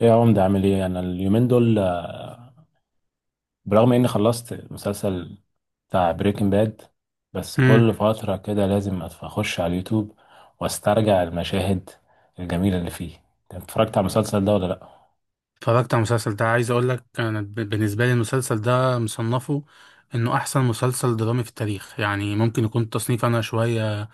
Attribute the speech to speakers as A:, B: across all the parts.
A: ايه يا عمدة عامل ايه؟ انا اليومين دول برغم اني خلصت مسلسل بتاع بريكنج باد، بس
B: امم.
A: كل فترة كده لازم اخش على اليوتيوب واسترجع المشاهد الجميلة اللي فيه. انت اتفرجت على المسلسل ده ولا لا؟
B: اتفرجت على المسلسل ده. عايز اقول لك انا بالنسبه لي المسلسل ده مصنفه انه احسن مسلسل درامي في التاريخ. يعني ممكن يكون التصنيف انا شويه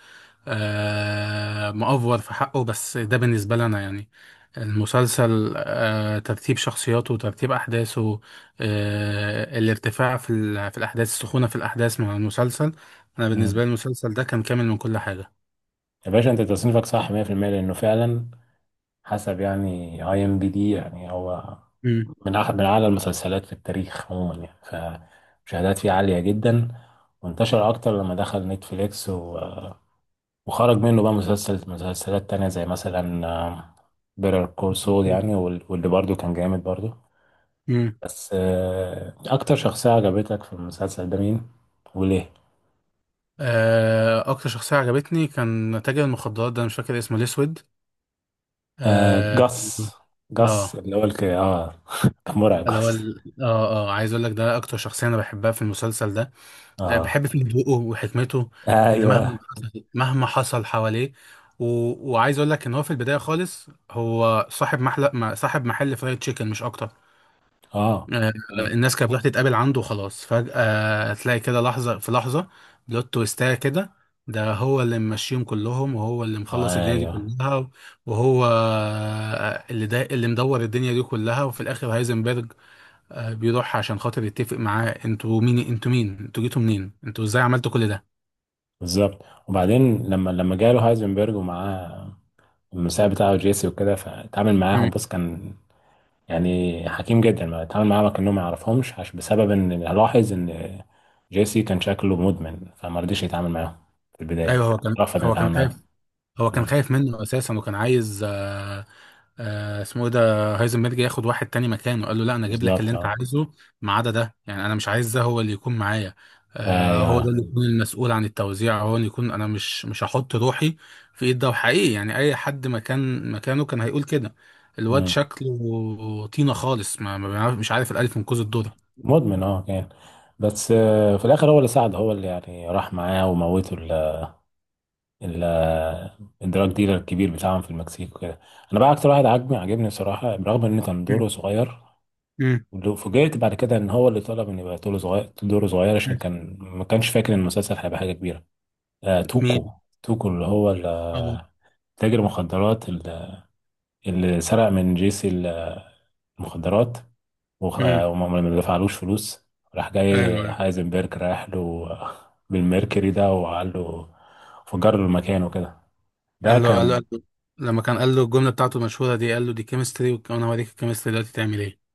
B: مأفور في حقه، بس ده بالنسبه لي انا. يعني المسلسل، ترتيب شخصياته، ترتيب احداثه، الارتفاع في في الاحداث، السخونه في الاحداث مع المسلسل. انا
A: مم.
B: بالنسبه لي المسلسل ده كان كامل من كل حاجه.
A: يا باشا، انت تصنيفك صح 100%، لانه فعلا حسب يعني اي ام بي دي، يعني هو
B: امم.
A: من أح من أعلى المسلسلات في التاريخ عموما يعني. فمشاهدات فيه عالية جدا، وانتشر أكتر لما دخل نتفليكس، وخرج منه بقى مسلسل مسلسلات تانية زي مثلا بيتر كول سول يعني، واللي برضه كان جامد برضه. بس أكتر شخصية عجبتك في المسلسل ده مين؟ وليه؟
B: اكتر شخصيه عجبتني كان تاجر المخدرات ده، أنا مش فاكر اسمه، الاسود.
A: آه،
B: اه.
A: جاس. جاس
B: اه.
A: اللي هو الك... اه كان مرعب جاس.
B: عايز اقول لك ده اكتر شخصيه انا بحبها في المسلسل ده.
A: اه،
B: بحب فيه هدوءه وحكمته، ان مهما
A: ايوه،
B: حصل مهما حصل حواليه. و... وعايز اقول لك ان هو في البدايه خالص هو صاحب محل صاحب محل فرايد تشيكن مش اكتر.
A: اه،
B: آه، الناس كانت بتروح تتقابل عنده وخلاص، فجأة تلاقي كده لحظة في لحظة، بلوت تويستاية كده، ده هو اللي ممشيهم كلهم وهو اللي مخلص الدنيا دي
A: ايوه،
B: كلها. وهو اللي مدور الدنيا دي كلها، وفي الآخر هايزنبرج بيروح عشان خاطر يتفق معاه: انتوا مين، انتوا مين، انتوا جيتوا منين، انتوا ازاي عملتوا كل ده.
A: بالظبط. وبعدين لما جاله هايزنبرج ومعاه المساعد بتاعه جيسي وكده، فتعامل معاهم.
B: مم.
A: بص، كان يعني حكيم جدا، ما اتعامل معاه كأنهم ما يعرفهمش، عشان بسبب ان لاحظ ان جيسي كان شكله مدمن، فما رضيش يتعامل معاه في البداية.
B: ايوه، هو كان
A: رفض ان
B: هو كان
A: يتعامل
B: خايف.
A: معاه.
B: هو كان
A: مم.
B: خايف منه اساسا وكان عايز اسمه ايه ده، هايزنبرج، ياخد واحد تاني مكانه. قال له لا، انا اجيب لك اللي
A: بالظبط،
B: انت
A: اه،
B: عايزه ما عدا ده. يعني انا مش عايز ده هو اللي يكون معايا. هو
A: ايوه.
B: ده اللي يكون المسؤول عن التوزيع، هو اللي يكون، انا مش هحط روحي في ايد ده. وحقيقي يعني اي حد مكانه كان هيقول كده. الواد
A: مم.
B: شكله طينة خالص، ما ما بيعرف- مش عارف الالف من كوز الدودة.
A: مدمن، اه، كان. بس في الاخر هو اللي ساعده، هو اللي يعني راح معاه وموته ال ال الدراج ديلر الكبير بتاعهم في المكسيك وكده. انا بقى اكتر واحد عجبني عجبني بصراحة، برغم ان كان
B: مم.
A: دوره صغير.
B: مم.
A: ولو فوجئت بعد كده ان هو اللي طلب ان يبقى دوره صغير دوره صغير، عشان
B: مم.
A: كان ما كانش فاكر ان المسلسل هيبقى حاجه كبيره. آه، توكو.
B: مين؟
A: توكو اللي هو
B: آه.
A: تاجر مخدرات اللي سرق من جيسي المخدرات.
B: مم.
A: وما ما دفعلوش فلوس. راح جاي
B: ايوه، ايوه.
A: هايزنبرج رايح له، بالميركوري ده، وقال له، فجر له المكان وكده. ده
B: قال له قال له
A: كان.
B: قال له- لما كان قال له الجملة بتاعته المشهورة دي قال له: دي كيمستري، وانا هوريك الكيمستري دلوقتي تعمل ايه.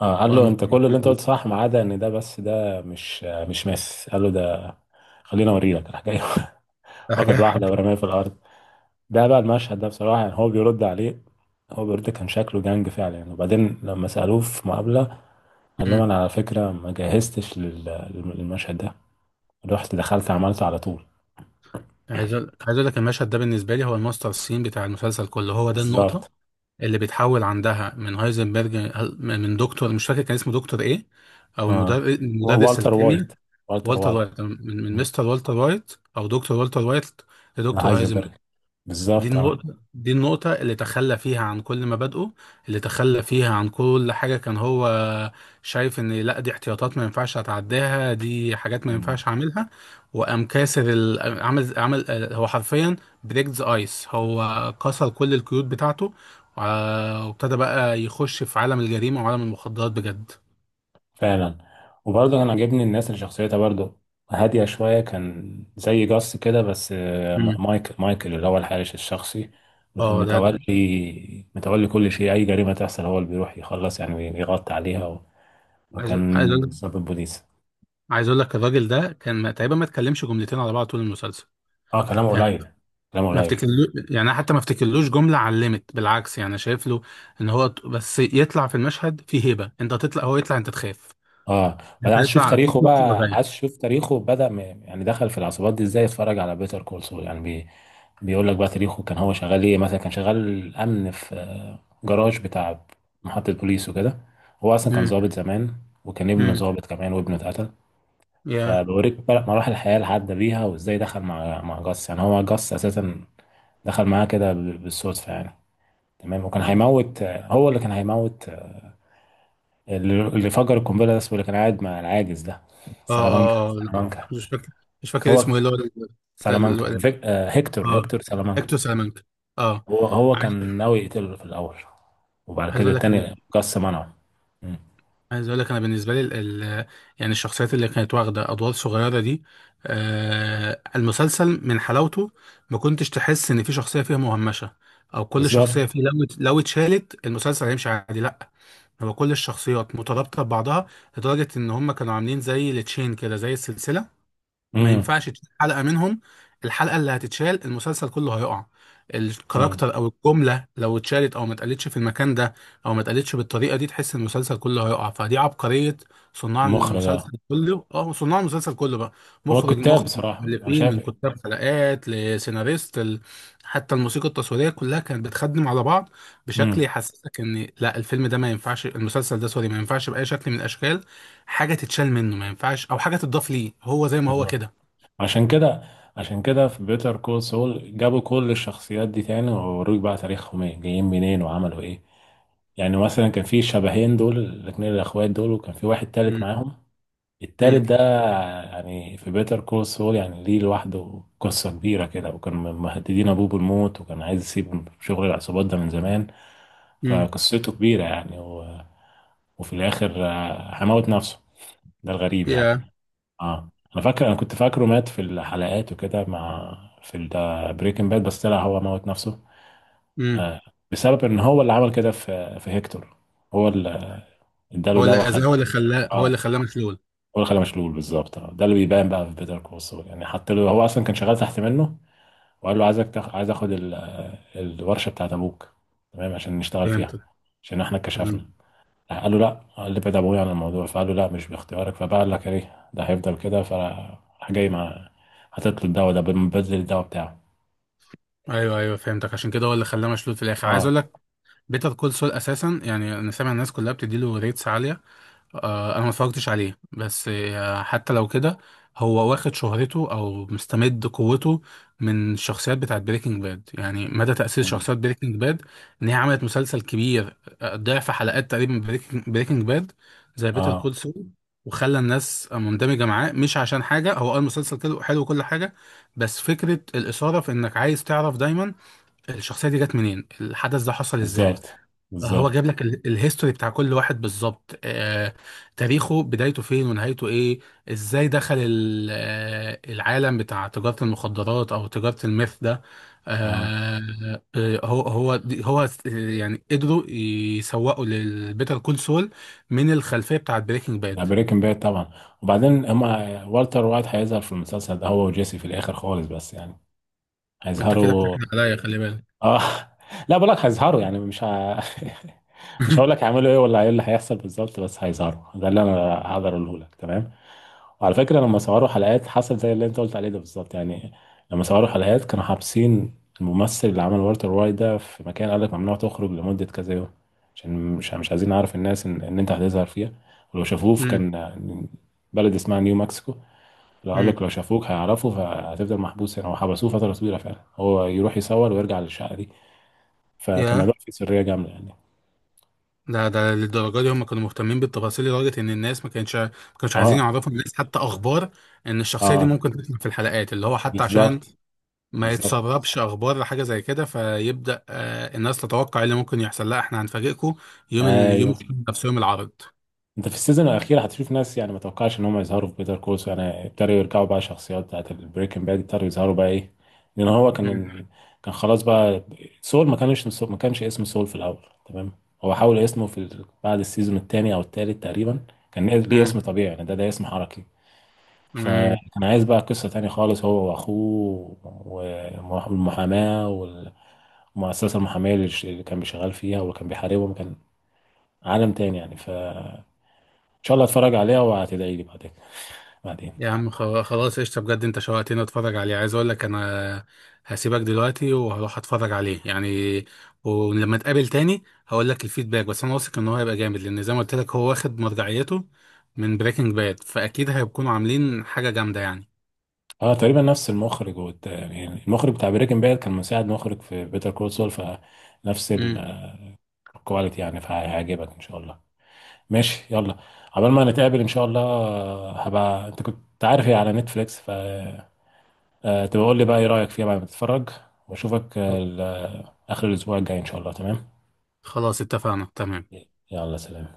A: اه، قال له:
B: وأما
A: انت كل اللي انت قلته صح، ما عدا ان ده، بس ده مش مش ماس. قال له: ده خلينا اوريلك، راح جاي
B: ده حاجة
A: واخد واحدة ورماها في الأرض. ده بقى المشهد ده بصراحة، يعني هو بيرد عليه، هو بيرد، كان شكله جنج فعلا يعني. وبعدين لما سألوه في مقابلة قال لهم:
B: مم.
A: أنا على فكرة ما جهزتش للمشهد ده، رحت دخلت عملته على طول.
B: عايز أقول لك المشهد ده بالنسبة لي هو الماستر سين بتاع المسلسل كله، هو ده النقطة
A: بالظبط،
B: اللي بيتحول عندها من هايزنبرج، من دكتور مش فاكر كان اسمه دكتور إيه، أو
A: اه.
B: المدرس، مدرس
A: والتر
B: الكيمياء،
A: وايت. والتر
B: والتر
A: وايت.
B: وايت، من
A: آه.
B: مستر والتر وايت أو دكتور والتر وايت، لدكتور
A: هايزنبرج.
B: هايزنبرج. دي
A: بالظبط، اه،
B: النقطة دي النقطة اللي تخلى فيها عن كل مبادئه، اللي تخلى فيها عن كل حاجة كان هو شايف ان لا، دي احتياطات ما ينفعش اتعداها، دي حاجات ما ينفعش اعملها. وقام كاسر عمل هو حرفيا بريك ذا ايس، هو كسر كل القيود بتاعته وابتدى بقى يخش في عالم الجريمة وعالم المخدرات بجد.
A: فعلا. وبرضه انا عاجبني الناس اللي شخصيتها برضه هادية شوية، كان زي جاس كده. بس
B: مم.
A: مايكل. مايكل اللي هو الحارس الشخصي، اللي كان
B: اه، ده.
A: متولي متولي كل شيء، أي جريمة تحصل هو اللي بيروح يخلص يعني ويغطي عليها،
B: عايز عايز
A: وكان
B: اقول
A: ضابط بوليس.
B: عايز اقول لك الراجل ده كان تقريبا ما اتكلمش جملتين على بعض طول المسلسل.
A: اه، كلامه
B: يعني
A: قليل. كلامه
B: ما
A: قليل.
B: افتكرلوش، يعني أنا حتى ما افتكرلوش جملة علمت بالعكس، يعني شايف له ان هو بس يطلع في المشهد فيه هيبة، انت تطلع، هو يطلع انت تخاف،
A: اه. انا
B: انت
A: عايز اشوف
B: يطلع في
A: تاريخه
B: كرسي
A: بقى، عايز
B: وجاية.
A: اشوف تاريخه، بدأ يعني دخل في العصابات دي ازاي. اتفرج على بيتر كول سول يعني، بيقول لك بقى تاريخه، كان هو شغال ايه مثلا. كان شغال امن في جراج بتاع محطة بوليس وكده. هو اصلا كان
B: امم.
A: ضابط زمان، وكان ابنه
B: امم.
A: ضابط كمان، وابنه اتقتل.
B: يا
A: فبوريك بقى مراحل الحياة اللي عدى بيها، وازاي دخل مع جاس. يعني هو جاس اساسا دخل معاه كده بالصدفة يعني. تمام. وكان هيموت، هو اللي كان هيموت. اللي فجر القنبله ده اسمه، اللي كان قاعد مع العاجز ده،
B: اه.
A: سلامانكا،
B: اه. آه.
A: سلامانكا.
B: مش فاكر مش فاكر
A: هو
B: اسمه ايه، اللي هو بتاع
A: سلامانكا فيك... آه هيكتور.
B: اه
A: هيكتور سلامانكا.
B: اكتو سامونج. اه.
A: هو هو كان
B: عايز
A: ناوي يقتله في الاول، وبعد
B: عايز
A: كده
B: اقول لك إن،
A: التاني قص منعه. مم.
B: عايز اقول لك انا بالنسبه لي ال ال يعني الشخصيات اللي كانت واخده ادوار صغيره دي، المسلسل من حلاوته ما كنتش تحس ان في شخصيه فيها مهمشه، او كل
A: بالظبط.
B: شخصيه فيه لو لو اتشالت المسلسل هيمشي عادي، لا. هو كل الشخصيات مترابطه ببعضها لدرجه ان هم كانوا عاملين زي التشين كده، زي السلسله، ما
A: امم.
B: ينفعش تشيل حلقة منهم. الحلقة اللي هتتشال المسلسل كله هيقع. الكاركتر او الجملة لو اتشالت او ما اتقالتش في المكان ده او ما اتقالتش بالطريقة دي، تحس المسلسل كله هيقع. فدي عبقرية
A: المخرج، اه.
B: صناع المسلسل كله بقى،
A: هو
B: مخرج،
A: الكتاب
B: مخرج،
A: بصراحه انا
B: مؤلفين،
A: شايف.
B: من كتاب حلقات لسيناريست حتى الموسيقى التصويرية كلها كانت بتخدم على بعض بشكل
A: امم.
B: يحسسك ان لا، الفيلم ده ما ينفعش، المسلسل ده سوري، ما ينفعش بأي شكل من الاشكال حاجة تتشال منه، ما ينفعش او حاجة تضاف ليه، هو زي ما هو
A: بالظبط.
B: كده.
A: عشان كده، عشان كده في بيتر كول سول جابوا كل الشخصيات دي تاني، ووروك بقى تاريخهم ايه، جايين منين، وعملوا ايه. يعني مثلا كان في شبهين دول، الاتنين الاخوات دول، وكان في واحد تالت
B: امم.
A: معاهم. التالت
B: امم.
A: ده يعني في بيتر كول سول يعني ليه لوحده قصة كبيرة كده، وكان مهددين ابوه بالموت، وكان عايز يسيب شغل العصابات ده من زمان.
B: امم.
A: فقصته كبيرة يعني. و... وفي الاخر هموت نفسه. ده الغريب يعني.
B: يا
A: اه. انا فاكر، انا كنت فاكره مات في الحلقات وكده مع في بريكنج باد، بس طلع هو موت نفسه.
B: امم.
A: آه، بسبب ان هو اللي عمل كده في في هيكتور. هو اللي اداله
B: هو اللي
A: دواء خلاه.
B: اذاه، هو اللي خلاه
A: اه،
B: هو
A: هو
B: اللي خلاه مشلول.
A: اللي خلاه مشلول. بالظبط. آه. ده اللي بيبان بقى في بيتر كول سول، يعني حتى له هو اصلا كان شغال تحت منه. وقال له: عايز اخد ال... آه، الورشه بتاعت ابوك، تمام، عشان نشتغل فيها،
B: فهمتك.
A: عشان احنا اتكشفنا.
B: مم.
A: قالوا لا. قال: ابعد ابويا عن الموضوع. فقالوا: لا، مش باختيارك. فبقى قال لك ايه، ده هيفضل كده؟ فراح جاي مع، هتطلب الدواء ده بدل الدواء بتاعه.
B: ايوه، ايوه، فهمتك. عشان كده هو اللي خلاه مشلول في الاخر. عايز اقول
A: اه.
B: لك بيتر كول سول اساسا، يعني انا سامع الناس كلها بتديله ريتس عاليه. انا ما اتفرجتش عليه، بس حتى لو كده هو واخد شهرته او مستمد قوته من الشخصيات بتاعت بريكنج باد. يعني مدى تأثير
A: مم.
B: شخصيات بريكنج باد ان هي عملت مسلسل كبير، ضعف حلقات تقريبا بريكنج باد زي بيتر
A: اه.
B: كول سول. وخلى الناس مندمجة معاه، مش عشان حاجة هو قال مسلسل كده حلو وكل حاجة، بس فكرة الإثارة في إنك عايز تعرف دايما الشخصية دي جت منين، الحدث ده حصل إزاي.
A: بالظبط.
B: هو
A: بالظبط،
B: جاب لك الهيستوري بتاع كل واحد بالظبط، تاريخه، بدايته فين ونهايته ايه، ازاي دخل العالم بتاع تجارة المخدرات او تجارة الميث ده.
A: اه.
B: آه، آه، هو هو دي- هو س- آه، يعني قدروا يسوقوا للبيتر كول سول من الخلفية بتاعت بريكنج
A: ده
B: باد.
A: بريكنج باد طبعا. وبعدين هما والتر وايت هيظهر في المسلسل ده، هو وجيسي في الاخر خالص، بس يعني
B: انت كده
A: هيظهروا.
B: بتاكد عليا، خلي بالك.
A: اه. لا، بقول لك هيظهروا، يعني مش ه... مش هقول لك هيعملوا ايه ولا ايه اللي هيحصل بالظبط، بس هيظهروا، ده اللي انا هقدر اقوله لك. تمام. على فكرة، لما صوروا حلقات حصل زي اللي انت قلت عليه ده بالظبط، يعني لما صوروا حلقات كانوا حابسين الممثل اللي عمل والتر وايت ده في مكان. قال لك: ممنوع تخرج لمدة كذا يوم، عشان مش عايزين نعرف الناس ان, انت هتظهر فيها. ولو شافوه في
B: امم.
A: كان بلد اسمها نيو مكسيكو. لو قال
B: امم.
A: لك: لو شافوك هيعرفوا، فهتفضل محبوس هنا. وحبسوه فترة طويلة فعلا، هو يروح يصور ويرجع للشقة دي. فكان
B: يا
A: الموضوع فيه سرية جامدة يعني.
B: ده للدرجه دي هم كانوا مهتمين بالتفاصيل، لدرجه ان الناس ما كانوش عايزين
A: اه،
B: يعرفوا الناس حتى اخبار ان الشخصيه دي
A: اه،
B: ممكن تطلع في الحلقات، اللي هو حتى عشان
A: بالظبط،
B: ما
A: بالظبط،
B: يتسربش اخبار حاجه زي كده، فيبدا الناس تتوقع إيه اللي ممكن يحصل. لا، احنا هنفاجئكم يوم ال... يوم
A: ايوه.
B: نفس يوم العرض.
A: انت في السيزون الاخير هتشوف ناس يعني ما توقعش ان هم يظهروا في بيتر كول، يعني ابتدوا يرجعوا بقى الشخصيات بتاعت البريكنج باد، ابتدوا يظهروا بقى ايه، لان هو كان، كان خلاص بقى سول. ما كانش سول، ما كانش اسمه سول في الاول، تمام. هو حاول اسمه في بعد السيزون الثاني او الثالث تقريبا. كان ليه
B: امم.
A: اسم طبيعي يعني، ده ده اسم حركي.
B: امم.
A: فكان عايز بقى قصة تانية خالص هو واخوه، والمحاماة والمؤسسة المحامية اللي اللي كان بيشغل فيها وكان بيحاربهم، كان عالم تاني يعني. ف شاء الله اتفرج عليها وهتدعي لي بعدين بعدين.
B: يا عم، خلاص قشطة بجد، انت شوقتني اتفرج عليه. عايز اقول لك انا هسيبك دلوقتي وهروح اتفرج عليه يعني، ولما اتقابل تاني هقول لك الفيدباك. بس انا واثق ان هو هيبقى جامد لان زي ما قلت لك هو واخد مرجعيته من بريكنج باد، فاكيد هيكونوا عاملين حاجة جامدة يعني.
A: اه، تقريبا نفس المخرج يعني المخرج بتاع بريكنج باد كان مساعد مخرج في بيتر كول سول، فنفس
B: امم.
A: الكواليتي يعني، فهيعجبك ان شاء الله. ماشي، يلا. عقبال ما نتقابل ان شاء الله. هبقى انت كنت عارف هي على نتفليكس. ف تبقى قول لي بقى ايه رايك فيها بعد ما تتفرج. واشوفك اخر الاسبوع الجاي ان شاء الله. تمام.
B: خلاص، اتفقنا، تمام.
A: يلا، سلام.